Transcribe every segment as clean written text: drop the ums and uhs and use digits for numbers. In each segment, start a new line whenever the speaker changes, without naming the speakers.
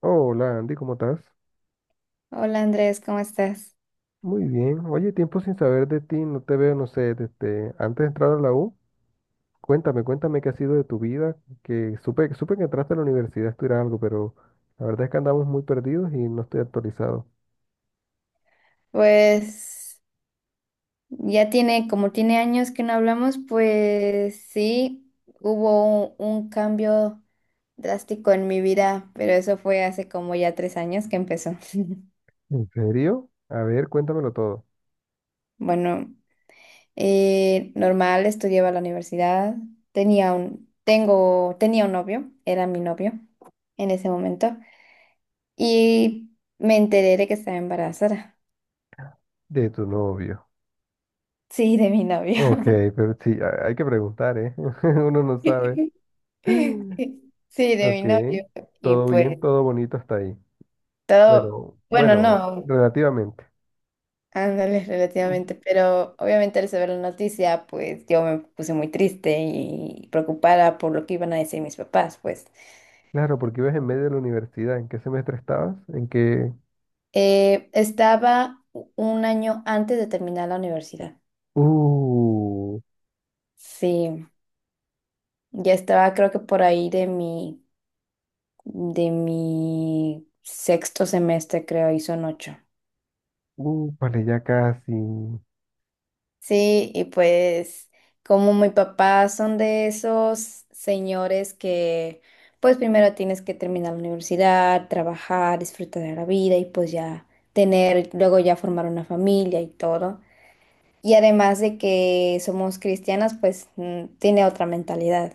Hola Andy, ¿cómo estás?
Hola Andrés, ¿cómo estás?
Muy bien. Oye, tiempo sin saber de ti, no te veo, no sé, desde antes de entrar a la U. Cuéntame, qué ha sido de tu vida, que supe que entraste a la universidad a estudiar algo, pero la verdad es que andamos muy perdidos y no estoy actualizado.
Pues ya tiene, como tiene años que no hablamos, pues sí, hubo un cambio drástico en mi vida, pero eso fue hace como ya 3 años que empezó.
¿En serio? A ver, cuéntamelo todo.
Bueno, normal, estudiaba en la universidad, tenía un, tengo, tenía un novio, era mi novio en ese momento, y me enteré de que estaba embarazada.
De tu novio.
Sí, de mi novio.
Ok, pero sí, hay que preguntar, ¿eh? Uno no sabe.
Sí, sí, de mi
Ok,
novio. Y
todo bien,
pues
todo bonito hasta ahí.
todo,
Bueno,
bueno,
bueno,
no,
relativamente.
ándale relativamente, pero obviamente al saber la noticia, pues yo me puse muy triste y preocupada por lo que iban a decir mis papás, pues.
Claro, porque ibas en medio de la universidad. ¿En qué semestre estabas? ¿En qué?
Estaba un año antes de terminar la universidad.
uh,
Sí, ya estaba creo que por ahí de mi sexto semestre, creo, y son ocho.
vale, ya casi.
Sí, y pues como mi papá son de esos señores que pues primero tienes que terminar la universidad, trabajar, disfrutar de la vida y pues ya tener, luego ya formar una familia y todo. Y además de que somos cristianas, pues tiene otra mentalidad.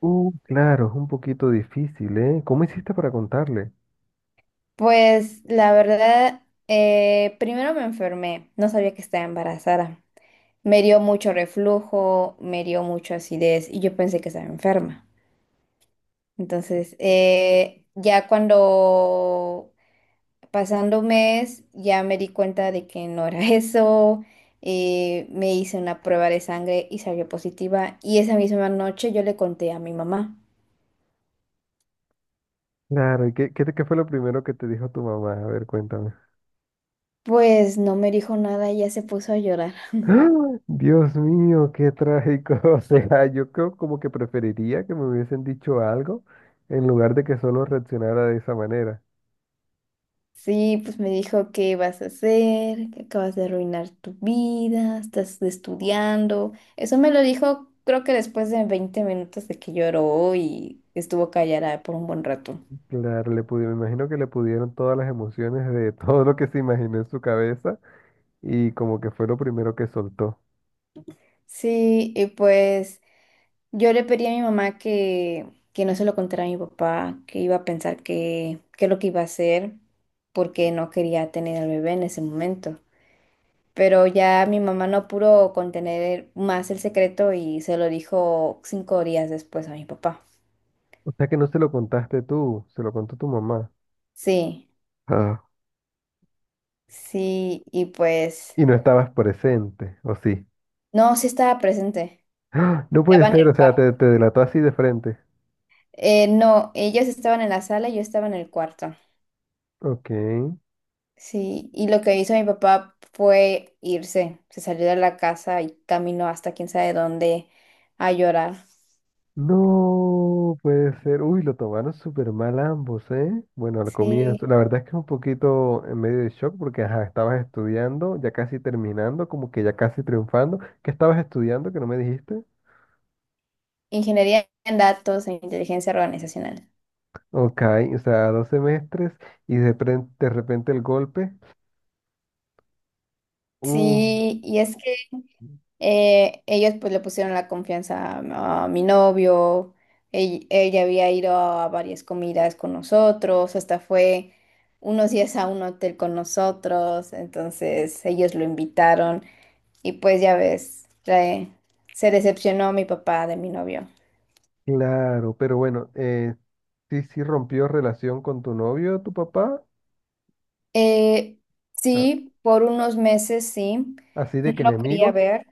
Claro, es un poquito difícil, ¿eh? ¿Cómo hiciste para contarle?
Pues la verdad, primero me enfermé, no sabía que estaba embarazada. Me dio mucho reflujo, me dio mucha acidez y yo pensé que estaba enferma. Entonces, ya cuando pasando un mes, ya me di cuenta de que no era eso. Me hice una prueba de sangre y salió positiva. Y esa misma noche yo le conté a mi mamá.
Claro, ¿y qué fue lo primero que te dijo tu mamá? A ver, cuéntame.
Pues no me dijo nada y ya se puso a llorar.
¡Ah! Dios mío, qué trágico. O sea, yo creo como que preferiría que me hubiesen dicho algo en lugar de que solo reaccionara de esa manera.
Sí, pues me dijo, ¿qué vas a hacer? Que acabas de arruinar tu vida, estás estudiando. Eso me lo dijo, creo que después de 20 minutos de que lloró y estuvo callada por un buen rato.
Claro, me imagino que le pudieron todas las emociones de todo lo que se imaginó en su cabeza. Y como que fue lo primero que soltó.
Sí, y pues yo le pedí a mi mamá que no se lo contara a mi papá, que iba a pensar que, qué es lo que iba a hacer, porque no quería tener al bebé en ese momento. Pero ya mi mamá no pudo contener más el secreto y se lo dijo 5 días después a mi papá.
O sea que no se lo contaste tú, se lo contó tu mamá.
Sí,
Ah.
sí, y pues
Y no estabas presente, ¿o sí?
no, sí estaba presente.
¡Ah! No puede
Estaba en
ser,
el
o sea,
cuarto.
te, delató así de frente.
No, ellos estaban en la sala y yo estaba en el cuarto.
Ok.
Sí, y lo que hizo mi papá fue irse, se salió de la casa y caminó hasta quién sabe dónde a llorar.
No puede ser. Uy, lo tomaron súper mal ambos, ¿eh? Bueno, al
Sí,
comienzo. La verdad es que es un poquito en medio de shock porque, ajá, estabas estudiando, ya casi terminando, como que ya casi triunfando. ¿Qué estabas estudiando que no me dijiste?
ingeniería en datos e inteligencia organizacional.
Ok, o sea, dos semestres y de repente el golpe. Uh,
Sí, y es que ellos pues le pusieron la confianza a mi novio, ella había ido a varias comidas con nosotros, hasta fue unos días a un hotel con nosotros, entonces ellos lo invitaron. Y pues ya ves, se decepcionó mi papá de mi novio.
Claro, pero bueno, sí, sí rompió relación con tu novio, tu papá.
Eh,
Ah.
sí, por unos meses sí,
Así
no
de que
lo quería
enemigos,
ver.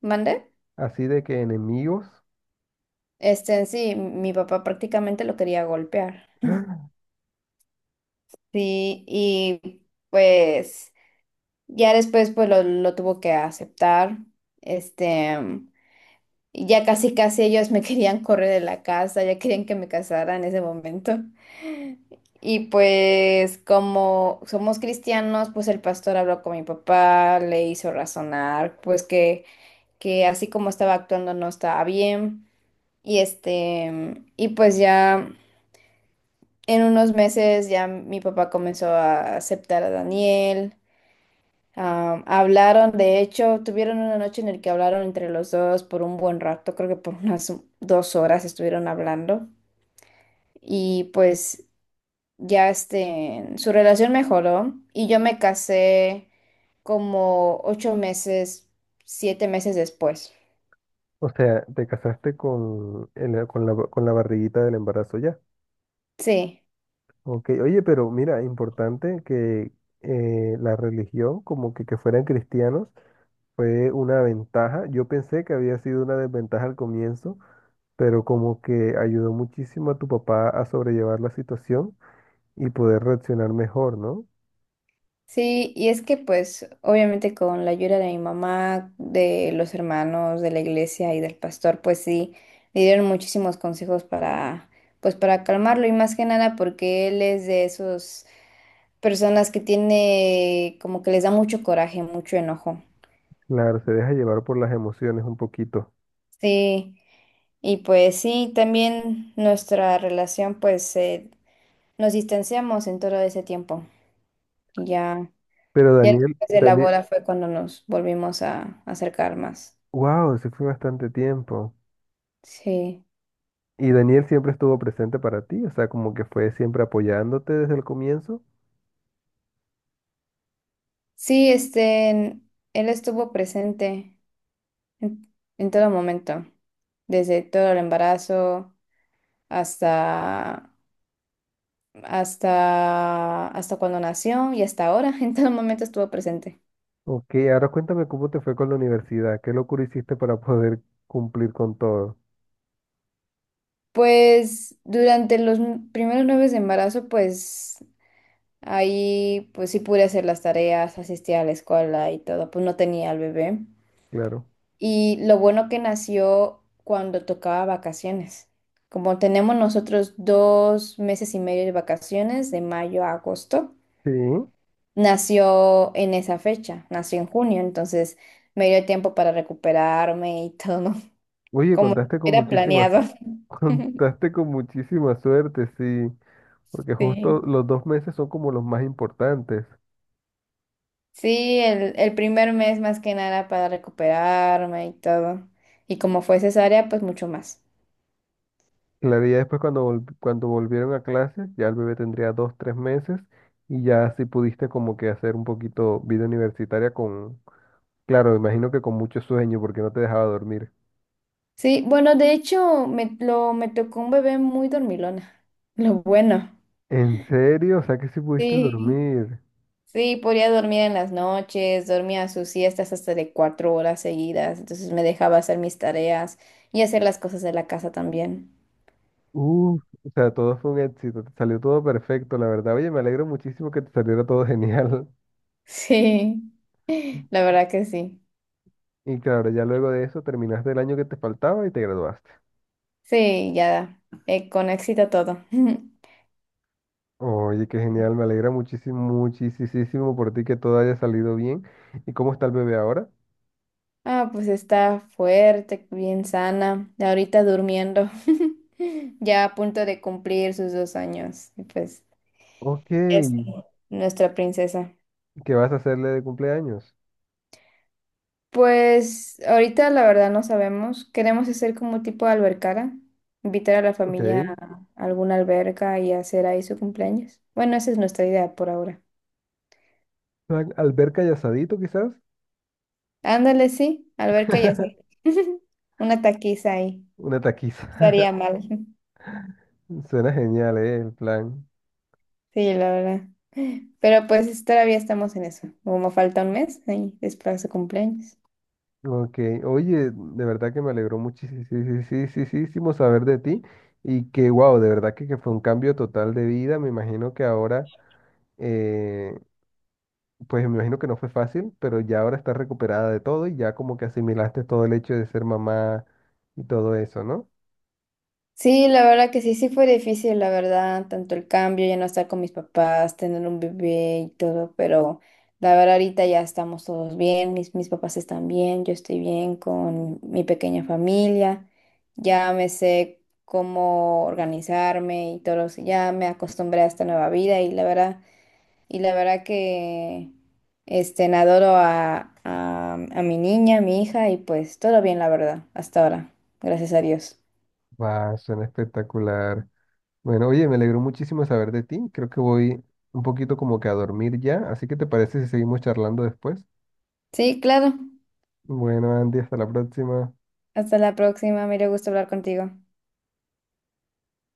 ¿Mande?
así de que enemigos,
En sí, mi papá prácticamente lo quería golpear. Sí, y pues ya después pues lo tuvo que aceptar. Este, Y ya casi casi ellos me querían correr de la casa, ya querían que me casara en ese momento. Y pues como somos cristianos, pues el pastor habló con mi papá, le hizo razonar, pues que así como estaba actuando no estaba bien. Y pues ya en unos meses ya mi papá comenzó a aceptar a Daniel. Ah, hablaron, de hecho, tuvieron una noche en la que hablaron entre los dos por un buen rato, creo que por unas 2 horas estuvieron hablando y pues ya su relación mejoró y yo me casé como 8 meses, 7 meses después.
o sea, te casaste con, con la barriguita del embarazo ya.
Sí.
Ok, oye, pero mira, importante que la religión, como que fueran cristianos, fue una ventaja. Yo pensé que había sido una desventaja al comienzo, pero como que ayudó muchísimo a tu papá a sobrellevar la situación y poder reaccionar mejor, ¿no?
Sí, y es que pues obviamente con la ayuda de mi mamá, de los hermanos, de la iglesia y del pastor, pues sí, le dieron muchísimos consejos para, pues para calmarlo y más que nada porque él es de esas personas que tiene como que les da mucho coraje, mucho enojo.
Claro, se deja llevar por las emociones un poquito.
Sí, y pues sí, también nuestra relación pues nos distanciamos en todo ese tiempo. Ya,
Pero
ya
Daniel,
después de la
Daniel,
boda fue cuando nos volvimos a acercar más.
wow, se fue bastante tiempo.
Sí.
¿Y Daniel siempre estuvo presente para ti? O sea, como que fue siempre apoyándote desde el comienzo.
Sí, él estuvo presente en, en todo momento, desde todo el embarazo hasta, hasta, hasta, cuando nació y hasta ahora, en todo momento estuvo presente.
Ok, ahora cuéntame cómo te fue con la universidad. ¿Qué locura hiciste para poder cumplir con todo?
Pues durante los primeros nueve de embarazo, pues ahí pues sí pude hacer las tareas, asistía a la escuela y todo, pues no tenía al bebé.
Claro.
Y lo bueno que nació cuando tocaba vacaciones. Como tenemos nosotros 2 meses y medio de vacaciones, de mayo a agosto,
Sí.
nació en esa fecha, nació en junio, entonces me dio tiempo para recuperarme y todo,
Oye,
como
contaste con
era
muchísimas,
planeado.
contaste con muchísima suerte, sí. Porque justo
Sí,
los dos meses son como los más importantes.
sí, el primer mes más que nada para recuperarme y todo. Y como fue cesárea, pues mucho más.
Claro, y ya después cuando, cuando volvieron a clases, ya el bebé tendría dos, tres meses y ya sí pudiste como que hacer un poquito vida universitaria con, claro, imagino que con mucho sueño porque no te dejaba dormir.
Sí, bueno, de hecho, me tocó un bebé muy dormilón. Lo bueno.
¿En serio? O sea que sí pudiste
Sí,
dormir.
sí, podía dormir en las noches, dormía sus siestas hasta de 4 horas seguidas, entonces me dejaba hacer mis tareas y hacer las cosas de la casa también.
Uf, o sea, todo fue un éxito, te salió todo perfecto, la verdad. Oye, me alegro muchísimo que te saliera todo genial.
Sí, la verdad que sí.
Y claro, ya luego de eso terminaste el año que te faltaba y te graduaste.
Sí, ya, con éxito todo.
Oye, qué genial, me alegra muchísimo, muchísimo por ti que todo haya salido bien. ¿Y cómo está el bebé ahora?
Ah, pues está fuerte, bien sana, ahorita durmiendo, ya a punto de cumplir sus 2 años. Y pues
Ok, ¿qué
es nuestra princesa.
vas a hacerle de cumpleaños?
Pues ahorita la verdad no sabemos. Queremos hacer como tipo de albercada, invitar a la
Ok,
familia a alguna alberca y hacer ahí su cumpleaños. Bueno, esa es nuestra idea por ahora.
plan alberca y asadito quizás.
Ándale, sí, alberca y hacer una taquiza ahí.
Una taquiza.
Estaría mal.
Suena genial, ¿eh? El plan.
Sí, la verdad. Pero pues todavía estamos en eso. Como falta un mes, ahí es para su cumpleaños.
Ok, oye, de verdad que me alegró muchísimo saber de ti y que, wow, de verdad que fue un cambio total de vida. Me imagino que ahora, eh, pues me imagino que no fue fácil, pero ya ahora estás recuperada de todo y ya como que asimilaste todo el hecho de ser mamá y todo eso, ¿no?
Sí, la verdad que sí, sí fue difícil, la verdad, tanto el cambio, ya no estar con mis papás, tener un bebé y todo, pero la verdad ahorita ya estamos todos bien, mis papás están bien, yo estoy bien con mi pequeña familia, ya me sé cómo organizarme y todo, eso, ya me acostumbré a esta nueva vida y la verdad, que adoro a mi niña, a mi hija y pues todo bien, la verdad, hasta ahora, gracias a Dios.
Va, suena espectacular. Bueno, oye, me alegró muchísimo saber de ti. Creo que voy un poquito como que a dormir ya, así que ¿te parece si seguimos charlando después?
Sí, claro.
Bueno, Andy, hasta la próxima.
Hasta la próxima, me dio gusto hablar contigo.